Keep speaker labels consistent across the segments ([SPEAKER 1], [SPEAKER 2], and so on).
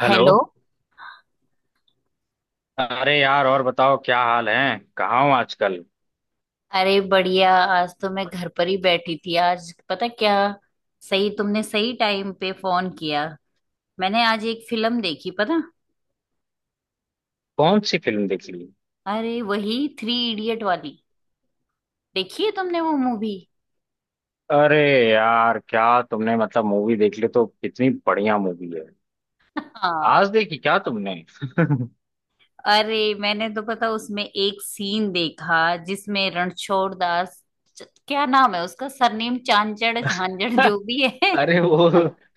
[SPEAKER 1] Hello.
[SPEAKER 2] Hello.
[SPEAKER 1] अरे यार, और बताओ क्या हाल है, कहाँ हो आजकल।
[SPEAKER 2] अरे बढ़िया, आज तो मैं घर पर ही बैठी थी। आज पता क्या, सही, तुमने सही टाइम पे फोन किया। मैंने आज एक फिल्म देखी, पता,
[SPEAKER 1] कौन सी फिल्म देख ली।
[SPEAKER 2] अरे वही थ्री इडियट वाली। देखी है तुमने वो मूवी?
[SPEAKER 1] अरे यार क्या! तुमने मतलब मूवी देख ली तो कितनी बढ़िया मूवी है।
[SPEAKER 2] हाँ।
[SPEAKER 1] आज देखी क्या तुमने।
[SPEAKER 2] अरे मैंने तो पता उसमें एक सीन देखा, जिसमें रणछोड़ दास, क्या नाम है उसका, सरनेम चांचड़ झांझड़ जो भी है।
[SPEAKER 1] अरे वो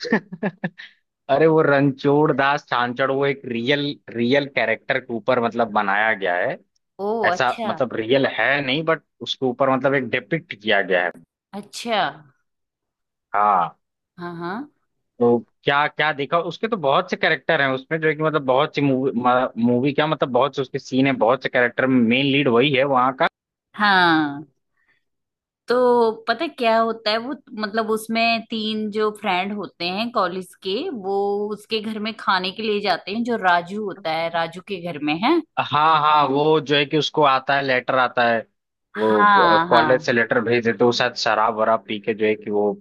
[SPEAKER 1] अरे वो रणछोड़ दास छांचड़, वो एक रियल रियल कैरेक्टर के ऊपर मतलब बनाया गया है।
[SPEAKER 2] ओ,
[SPEAKER 1] ऐसा
[SPEAKER 2] अच्छा,
[SPEAKER 1] मतलब रियल है नहीं, बट उसके ऊपर मतलब एक डिपिक्ट किया गया है।
[SPEAKER 2] अच्छा।
[SPEAKER 1] हाँ।
[SPEAKER 2] हाँ हाँ
[SPEAKER 1] तो क्या क्या देखा, उसके तो बहुत से कैरेक्टर हैं उसमें जो है कि मतलब बहुत सी मूवी। मूवी क्या मतलब बहुत से उसके सीन है, बहुत से कैरेक्टर में मेन लीड वही है वहाँ का।
[SPEAKER 2] हाँ। तो पता है क्या होता है वो, मतलब उसमें तीन जो फ्रेंड होते हैं कॉलेज के, वो उसके घर में खाने के लिए जाते हैं, जो राजू होता है, राजू के घर में है।
[SPEAKER 1] हाँ हाँ, वो जो है कि उसको आता है लेटर आता है, वो
[SPEAKER 2] हाँ
[SPEAKER 1] कॉलेज
[SPEAKER 2] हाँ
[SPEAKER 1] से लेटर भेज देते, वो शायद शराब वराब पी के जो है कि वो।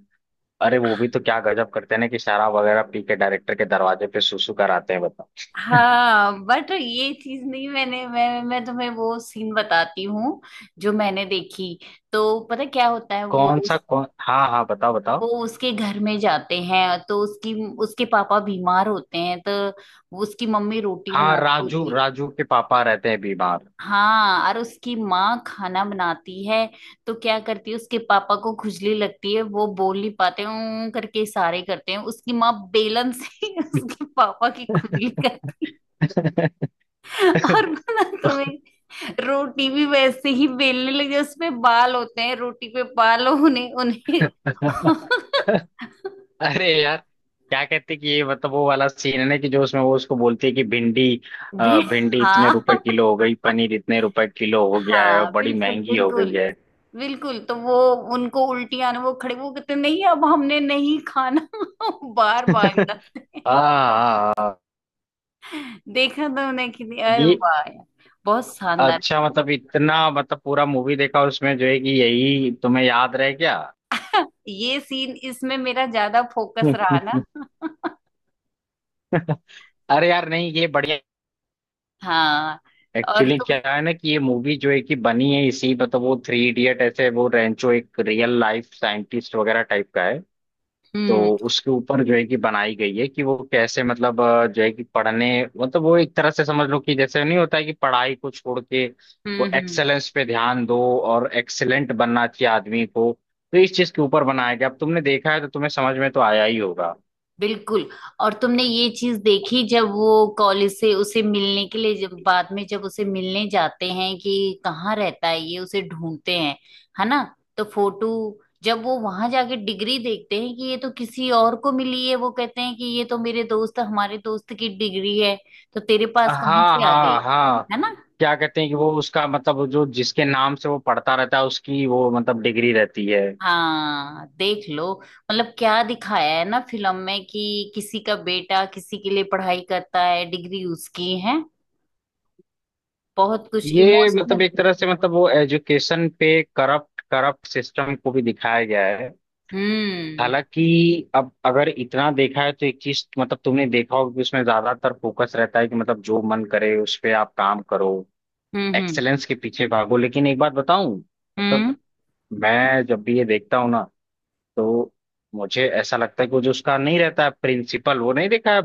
[SPEAKER 1] अरे वो भी तो क्या गजब करते हैं ना, कि शराब वगैरह पी के डायरेक्टर के दरवाजे पे सुसु कराते हैं, बताओ।
[SPEAKER 2] हाँ। बट ये चीज नहीं, मैं तुम्हें वो सीन बताती हूँ जो मैंने देखी। तो पता है क्या होता है वो?
[SPEAKER 1] कौन सा, कौन, हाँ हाँ बताओ
[SPEAKER 2] वो
[SPEAKER 1] बताओ।
[SPEAKER 2] उसके घर में जाते हैं तो उसकी, उसके पापा बीमार होते हैं, तो वो, उसकी मम्मी रोटी
[SPEAKER 1] हाँ,
[SPEAKER 2] बनाती
[SPEAKER 1] राजू।
[SPEAKER 2] होती है।
[SPEAKER 1] राजू के पापा रहते हैं बीमार।
[SPEAKER 2] हाँ, और उसकी माँ खाना बनाती है। तो क्या करती है, उसके पापा को खुजली लगती है, वो बोल नहीं पाते, ऊं करके इशारे करते हैं। उसकी माँ बेलन से उसके पापा की खुजली करती
[SPEAKER 1] तो
[SPEAKER 2] है। और बोला तुम्हें, रोटी भी वैसे ही बेलने लगे, उसमें बाल होते हैं, रोटी पे बाल, उन्हें उन्हें
[SPEAKER 1] अरे यार, क्या कहते कि ये मतलब वो वाला सीन है ना कि जो उसमें वो उसको बोलती है कि भिंडी
[SPEAKER 2] बे-
[SPEAKER 1] भिंडी इतने
[SPEAKER 2] हाँ
[SPEAKER 1] रुपए किलो हो गई, पनीर इतने रुपए किलो हो गया है, और
[SPEAKER 2] हाँ,
[SPEAKER 1] बड़ी
[SPEAKER 2] बिल्कुल
[SPEAKER 1] महंगी हो गई
[SPEAKER 2] बिल्कुल
[SPEAKER 1] है।
[SPEAKER 2] बिल्कुल। तो वो, उनको उल्टियाँ ना, वो खड़े, वो कहते नहीं अब हमने नहीं खाना बार बार जाते हैं।
[SPEAKER 1] हाँ
[SPEAKER 2] देखा था उन्हें कि अरे
[SPEAKER 1] ये
[SPEAKER 2] वाह यार, बहुत शानदार
[SPEAKER 1] अच्छा,
[SPEAKER 2] फिल्म।
[SPEAKER 1] मतलब इतना, मतलब पूरा मूवी देखा उसमें जो है कि यही तुम्हें याद रह गया।
[SPEAKER 2] ये सीन इसमें मेरा ज्यादा फोकस रहा ना।
[SPEAKER 1] अरे यार नहीं, ये बढ़िया।
[SPEAKER 2] हाँ। और
[SPEAKER 1] एक्चुअली क्या
[SPEAKER 2] तुम।
[SPEAKER 1] है ना कि ये मूवी जो है कि बनी है इसी मतलब, वो थ्री इडियट ऐसे, वो रेंचो एक रियल लाइफ साइंटिस्ट वगैरह टाइप का है। तो
[SPEAKER 2] हम्म
[SPEAKER 1] उसके ऊपर जो है कि बनाई गई है, कि वो कैसे मतलब जो है कि पढ़ने, मतलब वो एक तरह से समझ लो कि जैसे नहीं होता है कि पढ़ाई को छोड़ के वो
[SPEAKER 2] हम्म हम्म
[SPEAKER 1] एक्सेलेंस पे ध्यान दो, और एक्सेलेंट बनना चाहिए आदमी को। तो इस चीज के ऊपर बनाया गया, अब तुमने देखा है तो तुम्हें समझ में तो आया ही होगा।
[SPEAKER 2] बिल्कुल। और तुमने ये चीज देखी, जब वो कॉलेज से उसे मिलने के लिए, जब बाद में जब उसे मिलने जाते हैं कि कहाँ रहता है ये, उसे ढूंढते हैं, है ना। तो फोटो, जब वो वहां जाके डिग्री देखते हैं कि ये तो किसी और को मिली है, वो कहते हैं कि ये तो मेरे दोस्त, हमारे दोस्त की डिग्री है, तो तेरे पास कहाँ
[SPEAKER 1] हाँ
[SPEAKER 2] से आ गई,
[SPEAKER 1] हाँ हाँ।
[SPEAKER 2] है ना।
[SPEAKER 1] क्या कहते हैं कि वो उसका मतलब जो जिसके नाम से वो पढ़ता रहता है, उसकी वो मतलब डिग्री रहती है।
[SPEAKER 2] हाँ देख लो, मतलब क्या दिखाया है ना फिल्म में कि किसी का बेटा किसी के लिए पढ़ाई करता है, डिग्री उसकी है। बहुत कुछ
[SPEAKER 1] ये मतलब
[SPEAKER 2] इमोशनल।
[SPEAKER 1] एक तरह से, मतलब वो एजुकेशन पे करप्ट करप्ट सिस्टम को भी दिखाया गया है।
[SPEAKER 2] हम्म
[SPEAKER 1] हालांकि अब अगर इतना देखा है तो एक चीज मतलब तुमने देखा होगा कि उसमें ज्यादातर फोकस रहता है कि मतलब जो मन करे उस पे आप काम करो।
[SPEAKER 2] हम्म हम्म
[SPEAKER 1] एक्सेलेंस के पीछे भागो, लेकिन एक बात बताऊं, मतलब
[SPEAKER 2] हम्म
[SPEAKER 1] मैं जब भी ये देखता हूँ ना, तो मुझे ऐसा लगता है कि वो जो उसका नहीं रहता है प्रिंसिपल, वो नहीं देखा है।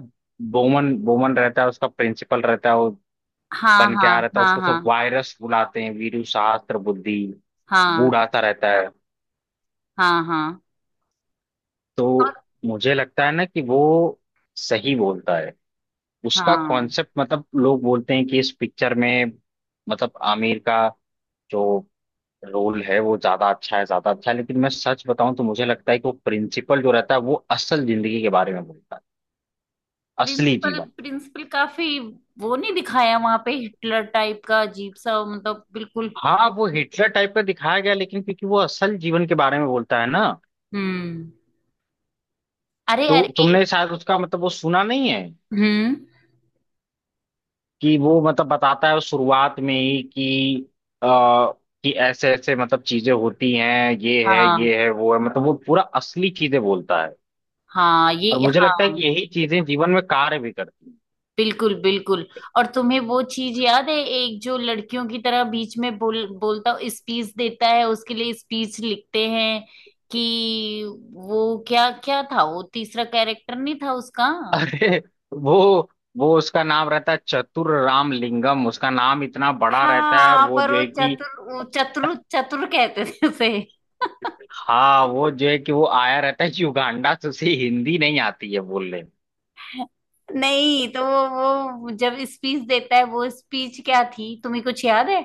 [SPEAKER 1] बोमन बोमन रहता है, उसका प्रिंसिपल रहता है वो।
[SPEAKER 2] हाँ
[SPEAKER 1] बन
[SPEAKER 2] हाँ
[SPEAKER 1] क्या रहता है,
[SPEAKER 2] हाँ
[SPEAKER 1] उसको सब
[SPEAKER 2] हाँ
[SPEAKER 1] वायरस बुलाते हैं, वीरू शास्त्र बुद्धि, बूढ़ा सा रहता है।
[SPEAKER 2] हाँ हाँ हाँ। और
[SPEAKER 1] तो मुझे लगता है ना कि वो सही बोलता है, उसका
[SPEAKER 2] हाँ,
[SPEAKER 1] कॉन्सेप्ट, मतलब लोग बोलते हैं कि इस पिक्चर में मतलब आमिर का जो रोल है वो ज्यादा अच्छा है, ज्यादा अच्छा है, लेकिन मैं सच बताऊं तो मुझे लगता है कि वो प्रिंसिपल जो रहता है वो असल जिंदगी के बारे में बोलता है, असली
[SPEAKER 2] प्रिंसिपल
[SPEAKER 1] जीवन।
[SPEAKER 2] प्रिंसिपल काफी, वो नहीं दिखाया वहां पे हिटलर टाइप का अजीब सा, मतलब बिल्कुल।
[SPEAKER 1] हाँ वो हिटलर टाइप का दिखाया गया, लेकिन क्योंकि वो असल जीवन के बारे में बोलता है ना,
[SPEAKER 2] हम्म अरे
[SPEAKER 1] तो
[SPEAKER 2] अरे
[SPEAKER 1] तुमने शायद उसका मतलब वो सुना नहीं है,
[SPEAKER 2] हम्म
[SPEAKER 1] कि वो मतलब बताता है शुरुआत में ही कि आ, कि ऐसे ऐसे मतलब चीजें होती हैं,
[SPEAKER 2] हाँ
[SPEAKER 1] ये है वो है, मतलब वो पूरा असली चीजें बोलता है।
[SPEAKER 2] हाँ ये,
[SPEAKER 1] और मुझे लगता है
[SPEAKER 2] हाँ
[SPEAKER 1] कि यही चीजें जीवन में कार्य भी करती
[SPEAKER 2] बिल्कुल बिल्कुल। और तुम्हें वो चीज याद है, एक जो लड़कियों की तरह बीच में बोल बोलता, स्पीच देता है, उसके लिए स्पीच लिखते हैं कि, वो क्या क्या था, वो तीसरा कैरेक्टर नहीं था उसका?
[SPEAKER 1] हैं। अरे वो वो उसका नाम रहता है चतुर राम लिंगम, उसका नाम इतना बड़ा रहता है, और
[SPEAKER 2] हाँ,
[SPEAKER 1] वो
[SPEAKER 2] पर
[SPEAKER 1] जो
[SPEAKER 2] वो
[SPEAKER 1] है कि।
[SPEAKER 2] चतुर, वो चतुर चतुर कहते थे उसे।
[SPEAKER 1] हाँ वो जो है कि वो आया रहता है युगांडा से, उसे हिंदी नहीं आती है बोलने।
[SPEAKER 2] नहीं तो वो वो जब स्पीच देता है, वो स्पीच क्या थी तुम्हें कुछ याद है?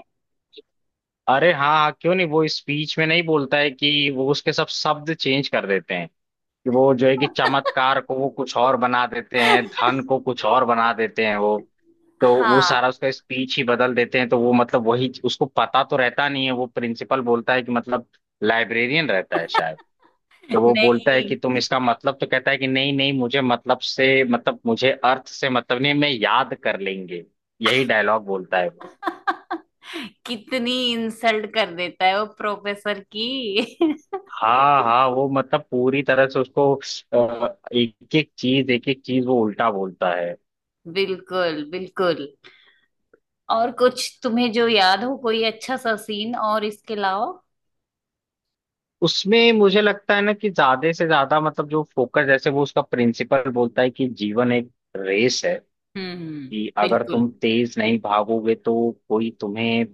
[SPEAKER 1] अरे हाँ हाँ, क्यों नहीं। वो स्पीच में नहीं बोलता है कि वो उसके सब शब्द चेंज कर देते हैं, कि वो जो है कि चमत्कार को वो कुछ और बना देते हैं, धन को कुछ और बना देते हैं वो। तो वो
[SPEAKER 2] हाँ
[SPEAKER 1] सारा उसका स्पीच ही बदल देते हैं, तो वो मतलब वही उसको पता तो रहता नहीं है, वो प्रिंसिपल बोलता है कि मतलब लाइब्रेरियन रहता है शायद। जब वो बोलता है कि
[SPEAKER 2] नहीं।
[SPEAKER 1] तुम इसका मतलब, तो कहता है कि नहीं नहीं, मुझे मतलब से मतलब, मुझे अर्थ से मतलब नहीं, मैं याद कर लेंगे, यही डायलॉग बोलता है वो।
[SPEAKER 2] कितनी इंसल्ट कर देता है वो प्रोफेसर की।
[SPEAKER 1] हाँ हाँ वो मतलब पूरी तरह से उसको एक एक चीज, एक एक चीज वो उल्टा बोलता है।
[SPEAKER 2] बिल्कुल बिल्कुल। और कुछ तुम्हें जो याद हो कोई अच्छा सा सीन और, इसके लाओ।
[SPEAKER 1] उसमें मुझे लगता है ना कि ज्यादा से ज्यादा मतलब जो फोकस, जैसे वो उसका प्रिंसिपल बोलता है कि जीवन एक रेस है,
[SPEAKER 2] हम्म
[SPEAKER 1] कि अगर
[SPEAKER 2] बिल्कुल।
[SPEAKER 1] तुम तेज नहीं भागोगे तो कोई तुम्हें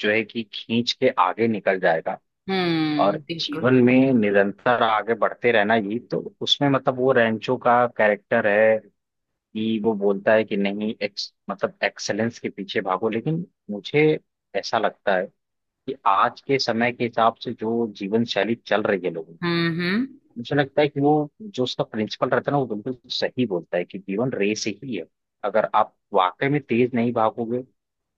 [SPEAKER 1] जो है कि खींच के आगे निकल जाएगा। और
[SPEAKER 2] बिल्कुल।
[SPEAKER 1] जीवन में निरंतर आगे बढ़ते रहना, ये तो उसमें मतलब वो रैंचो का कैरेक्टर है कि वो बोलता है कि नहीं, एक्स मतलब एक्सेलेंस के पीछे भागो, लेकिन मुझे ऐसा लगता है कि आज के समय के हिसाब से जो जीवन शैली चल रही है लोगों की,
[SPEAKER 2] हम्म हम्म
[SPEAKER 1] मुझे लगता है कि वो जो उसका प्रिंसिपल रहता है ना, वो बिल्कुल सही बोलता है कि जीवन रेस ही है। अगर आप वाकई में तेज नहीं भागोगे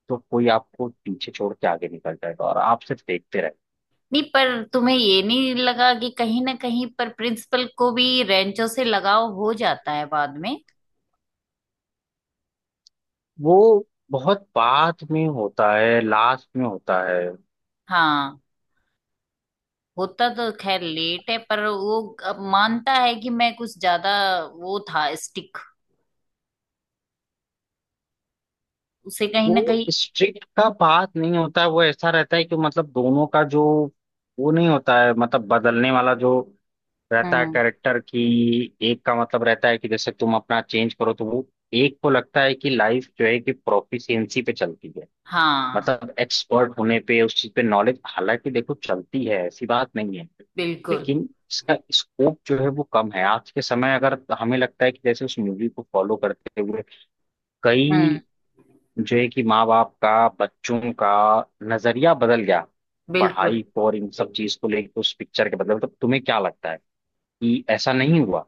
[SPEAKER 1] तो कोई आपको पीछे छोड़ के आगे निकल जाएगा और आप सिर्फ देखते।
[SPEAKER 2] नहीं, पर तुम्हें ये नहीं लगा कि कहीं ना कहीं पर प्रिंसिपल को भी रेंचो से लगाव हो जाता है बाद में?
[SPEAKER 1] वो बहुत बात में होता है, लास्ट में होता है।
[SPEAKER 2] हाँ होता, तो खैर लेट है, पर वो अब मानता है कि मैं कुछ ज्यादा, वो था स्टिक, उसे कहीं ना
[SPEAKER 1] वो
[SPEAKER 2] कहीं।
[SPEAKER 1] स्ट्रिक्ट का बात नहीं होता है, वो ऐसा रहता है कि मतलब दोनों का जो, वो नहीं होता है मतलब बदलने वाला जो रहता है
[SPEAKER 2] हम्म
[SPEAKER 1] कैरेक्टर की, एक का मतलब रहता है कि जैसे तुम अपना चेंज करो तो वो। एक को लगता है कि लाइफ जो है कि प्रोफिशिएंसी पे चलती है,
[SPEAKER 2] हाँ।
[SPEAKER 1] मतलब एक्सपर्ट होने पे उस चीज पे नॉलेज, हालांकि देखो चलती है ऐसी बात नहीं है।
[SPEAKER 2] बिल्कुल।
[SPEAKER 1] लेकिन इसका स्कोप जो है वो कम है आज के समय, अगर हमें लगता है कि जैसे उस मूवी को फॉलो करते हुए
[SPEAKER 2] हम्म
[SPEAKER 1] कई जो है कि माँ बाप का बच्चों का नजरिया बदल गया,
[SPEAKER 2] बिल्कुल।
[SPEAKER 1] पढ़ाई को और इन सब चीज को लेकर उस पिक्चर के बदले, तो तुम्हें क्या लगता है कि ऐसा नहीं हुआ।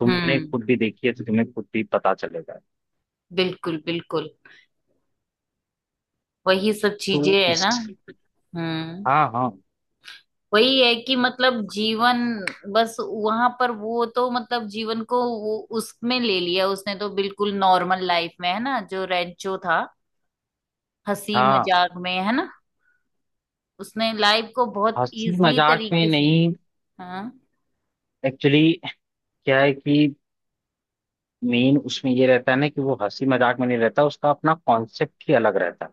[SPEAKER 1] तुमने
[SPEAKER 2] हम्म
[SPEAKER 1] खुद भी देखी है तो तुम्हें खुद भी पता चलेगा।
[SPEAKER 2] बिल्कुल बिल्कुल। वही सब
[SPEAKER 1] तो
[SPEAKER 2] चीजें है
[SPEAKER 1] इस।
[SPEAKER 2] ना। हम्म
[SPEAKER 1] हाँ हाँ
[SPEAKER 2] वही है कि मतलब जीवन, बस वहां पर वो तो मतलब जीवन को वो उसमें ले लिया उसने, तो बिल्कुल नॉर्मल लाइफ में है ना जो रेंचो था, हंसी
[SPEAKER 1] हाँ।
[SPEAKER 2] मजाक में है ना, उसने लाइफ को बहुत
[SPEAKER 1] हंसी
[SPEAKER 2] इजीली
[SPEAKER 1] मजाक में
[SPEAKER 2] तरीके से।
[SPEAKER 1] नहीं,
[SPEAKER 2] हाँ,
[SPEAKER 1] एक्चुअली क्या है कि मेन उसमें ये रहता है ना कि वो हंसी मजाक में नहीं रहता, उसका अपना कॉन्सेप्ट ही अलग रहता है।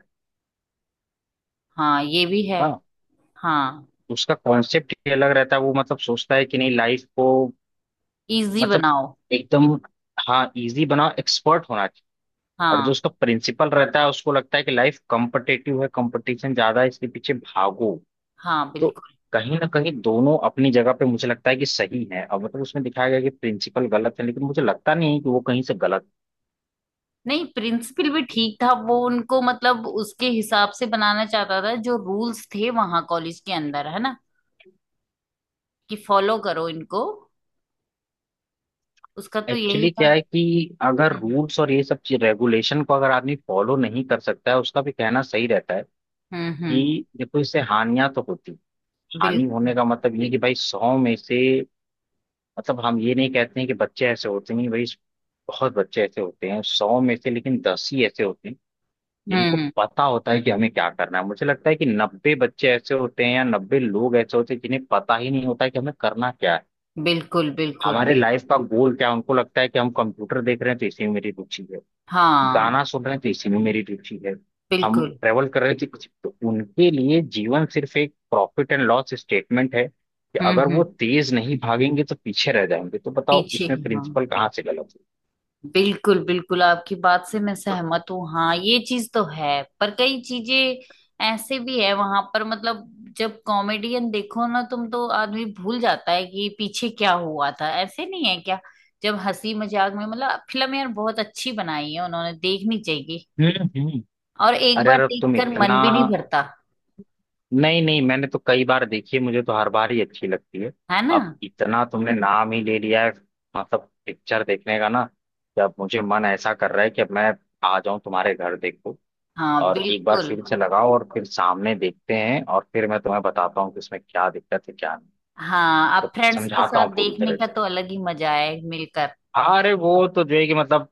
[SPEAKER 2] हाँ ये भी है।
[SPEAKER 1] हाँ,
[SPEAKER 2] हाँ।
[SPEAKER 1] उसका कॉन्सेप्ट ही अलग रहता है, वो मतलब सोचता है कि नहीं लाइफ को
[SPEAKER 2] इजी
[SPEAKER 1] मतलब
[SPEAKER 2] बनाओ।
[SPEAKER 1] एकदम, हाँ इजी बनाओ, एक्सपर्ट होना चाहिए। और जो
[SPEAKER 2] हाँ।
[SPEAKER 1] उसका प्रिंसिपल रहता है उसको लगता है कि लाइफ कॉम्पिटेटिव है, कंपटीशन ज्यादा है, इसके पीछे भागो।
[SPEAKER 2] हाँ
[SPEAKER 1] तो
[SPEAKER 2] बिल्कुल।
[SPEAKER 1] कहीं ना कहीं दोनों अपनी जगह पे मुझे लगता है कि सही है, अब मतलब उसमें दिखाया गया कि प्रिंसिपल गलत है, लेकिन मुझे लगता नहीं है कि वो कहीं से गलत है।
[SPEAKER 2] नहीं, प्रिंसिपल भी ठीक था। वो उनको मतलब उसके हिसाब से बनाना चाहता था, जो रूल्स थे वहां कॉलेज के अंदर है ना, कि फॉलो करो इनको। उसका तो यही
[SPEAKER 1] एक्चुअली क्या
[SPEAKER 2] था।
[SPEAKER 1] है कि अगर
[SPEAKER 2] हम्म
[SPEAKER 1] रूल्स और ये सब चीज रेगुलेशन को अगर आदमी फॉलो नहीं कर सकता है, उसका भी कहना सही रहता है,
[SPEAKER 2] हम्म हम्म,
[SPEAKER 1] कि देखो इससे हानियां तो होती। हानि होने
[SPEAKER 2] बिल्कुल।
[SPEAKER 1] का मतलब ये कि भाई 100 में से, मतलब हम ये नहीं कहते हैं कि बच्चे ऐसे होते नहीं भाई, बहुत बच्चे ऐसे होते हैं 100 में से, लेकिन 10 ही ऐसे होते हैं जिनको
[SPEAKER 2] हम्म
[SPEAKER 1] पता होता है कि हमें क्या करना है। मुझे लगता है कि 90 बच्चे ऐसे होते हैं या 90 लोग ऐसे होते हैं जिन्हें पता ही नहीं होता है कि हमें करना क्या है।
[SPEAKER 2] बिल्कुल बिल्कुल।
[SPEAKER 1] हमारे लाइफ का गोल क्या है, उनको लगता है कि हम कंप्यूटर देख रहे हैं तो इसी में मेरी रुचि है, गाना
[SPEAKER 2] हाँ
[SPEAKER 1] सुन रहे थे इसी में मेरी रुचि है, हम
[SPEAKER 2] बिल्कुल।
[SPEAKER 1] ट्रेवल कर रहे थे कुछ तो। उनके लिए जीवन सिर्फ एक प्रॉफिट एंड लॉस स्टेटमेंट है कि
[SPEAKER 2] हम्म
[SPEAKER 1] अगर वो
[SPEAKER 2] हम्म
[SPEAKER 1] तेज नहीं भागेंगे तो पीछे रह जाएंगे। तो बताओ
[SPEAKER 2] पीछे,
[SPEAKER 1] इसमें
[SPEAKER 2] हाँ।
[SPEAKER 1] प्रिंसिपल कहाँ से गलत है।
[SPEAKER 2] बिल्कुल बिल्कुल, आपकी बात से मैं सहमत हूँ। हाँ ये चीज तो है, पर कई चीजें ऐसे भी है वहां पर, मतलब जब कॉमेडियन देखो ना तुम, तो आदमी भूल जाता है कि पीछे क्या हुआ था, ऐसे नहीं है क्या। जब हंसी मजाक में, मतलब फिल्म यार बहुत अच्छी बनाई है उन्होंने, देखनी चाहिए,
[SPEAKER 1] हम्म हम्म।
[SPEAKER 2] और एक
[SPEAKER 1] अरे
[SPEAKER 2] बार
[SPEAKER 1] यार अब तुम
[SPEAKER 2] देखकर
[SPEAKER 1] इतना।
[SPEAKER 2] मन भी नहीं भरता,
[SPEAKER 1] नहीं नहीं, मैंने तो कई बार देखी है, मुझे तो हर बार ही अच्छी लगती है।
[SPEAKER 2] है ना।
[SPEAKER 1] अब इतना तुमने नाम ही ले लिया है मतलब पिक्चर देखने का, ना कि अब मुझे मन ऐसा कर रहा है कि अब मैं आ जाऊं तुम्हारे घर देखो।
[SPEAKER 2] हाँ
[SPEAKER 1] और एक बार
[SPEAKER 2] बिल्कुल।
[SPEAKER 1] फिर से लगाओ और फिर सामने देखते हैं और फिर मैं तुम्हें बताता हूँ कि इसमें क्या दिक्कत है क्या नहीं।
[SPEAKER 2] हाँ,
[SPEAKER 1] तो
[SPEAKER 2] आप फ्रेंड्स के
[SPEAKER 1] समझाता हूँ
[SPEAKER 2] साथ
[SPEAKER 1] पूरी
[SPEAKER 2] देखने
[SPEAKER 1] तरह
[SPEAKER 2] का
[SPEAKER 1] से।
[SPEAKER 2] तो अलग ही मजा है मिलकर।
[SPEAKER 1] अरे वो तो जो है कि मतलब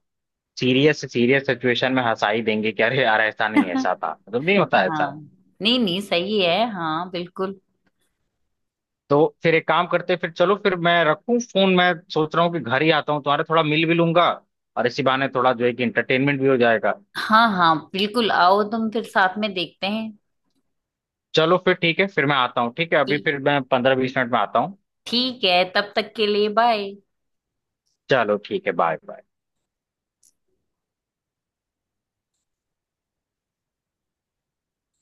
[SPEAKER 1] सीरियस सीरियस सिचुएशन में हंसा ही देंगे कि अरे यार ऐसा नहीं, ऐसा था मतलब नहीं होता ऐसा।
[SPEAKER 2] हाँ, नहीं नहीं, सही है हाँ, बिल्कुल।
[SPEAKER 1] तो फिर एक काम करते हैं, फिर चलो, फिर मैं रखूँ फोन। मैं सोच रहा हूँ कि घर ही आता हूँ तुम्हारे, थोड़ा मिल भी लूंगा और इसी बहाने थोड़ा जो है कि इंटरटेनमेंट भी हो जाएगा।
[SPEAKER 2] हाँ हाँ बिल्कुल, आओ, तुम फिर साथ में देखते हैं
[SPEAKER 1] चलो फिर ठीक है, फिर मैं आता हूँ। ठीक है,
[SPEAKER 2] कि।
[SPEAKER 1] अभी फिर मैं 15-20 मिनट में आता हूँ।
[SPEAKER 2] ठीक है, तब तक के लिए बाय।
[SPEAKER 1] चलो ठीक है, बाय बाय।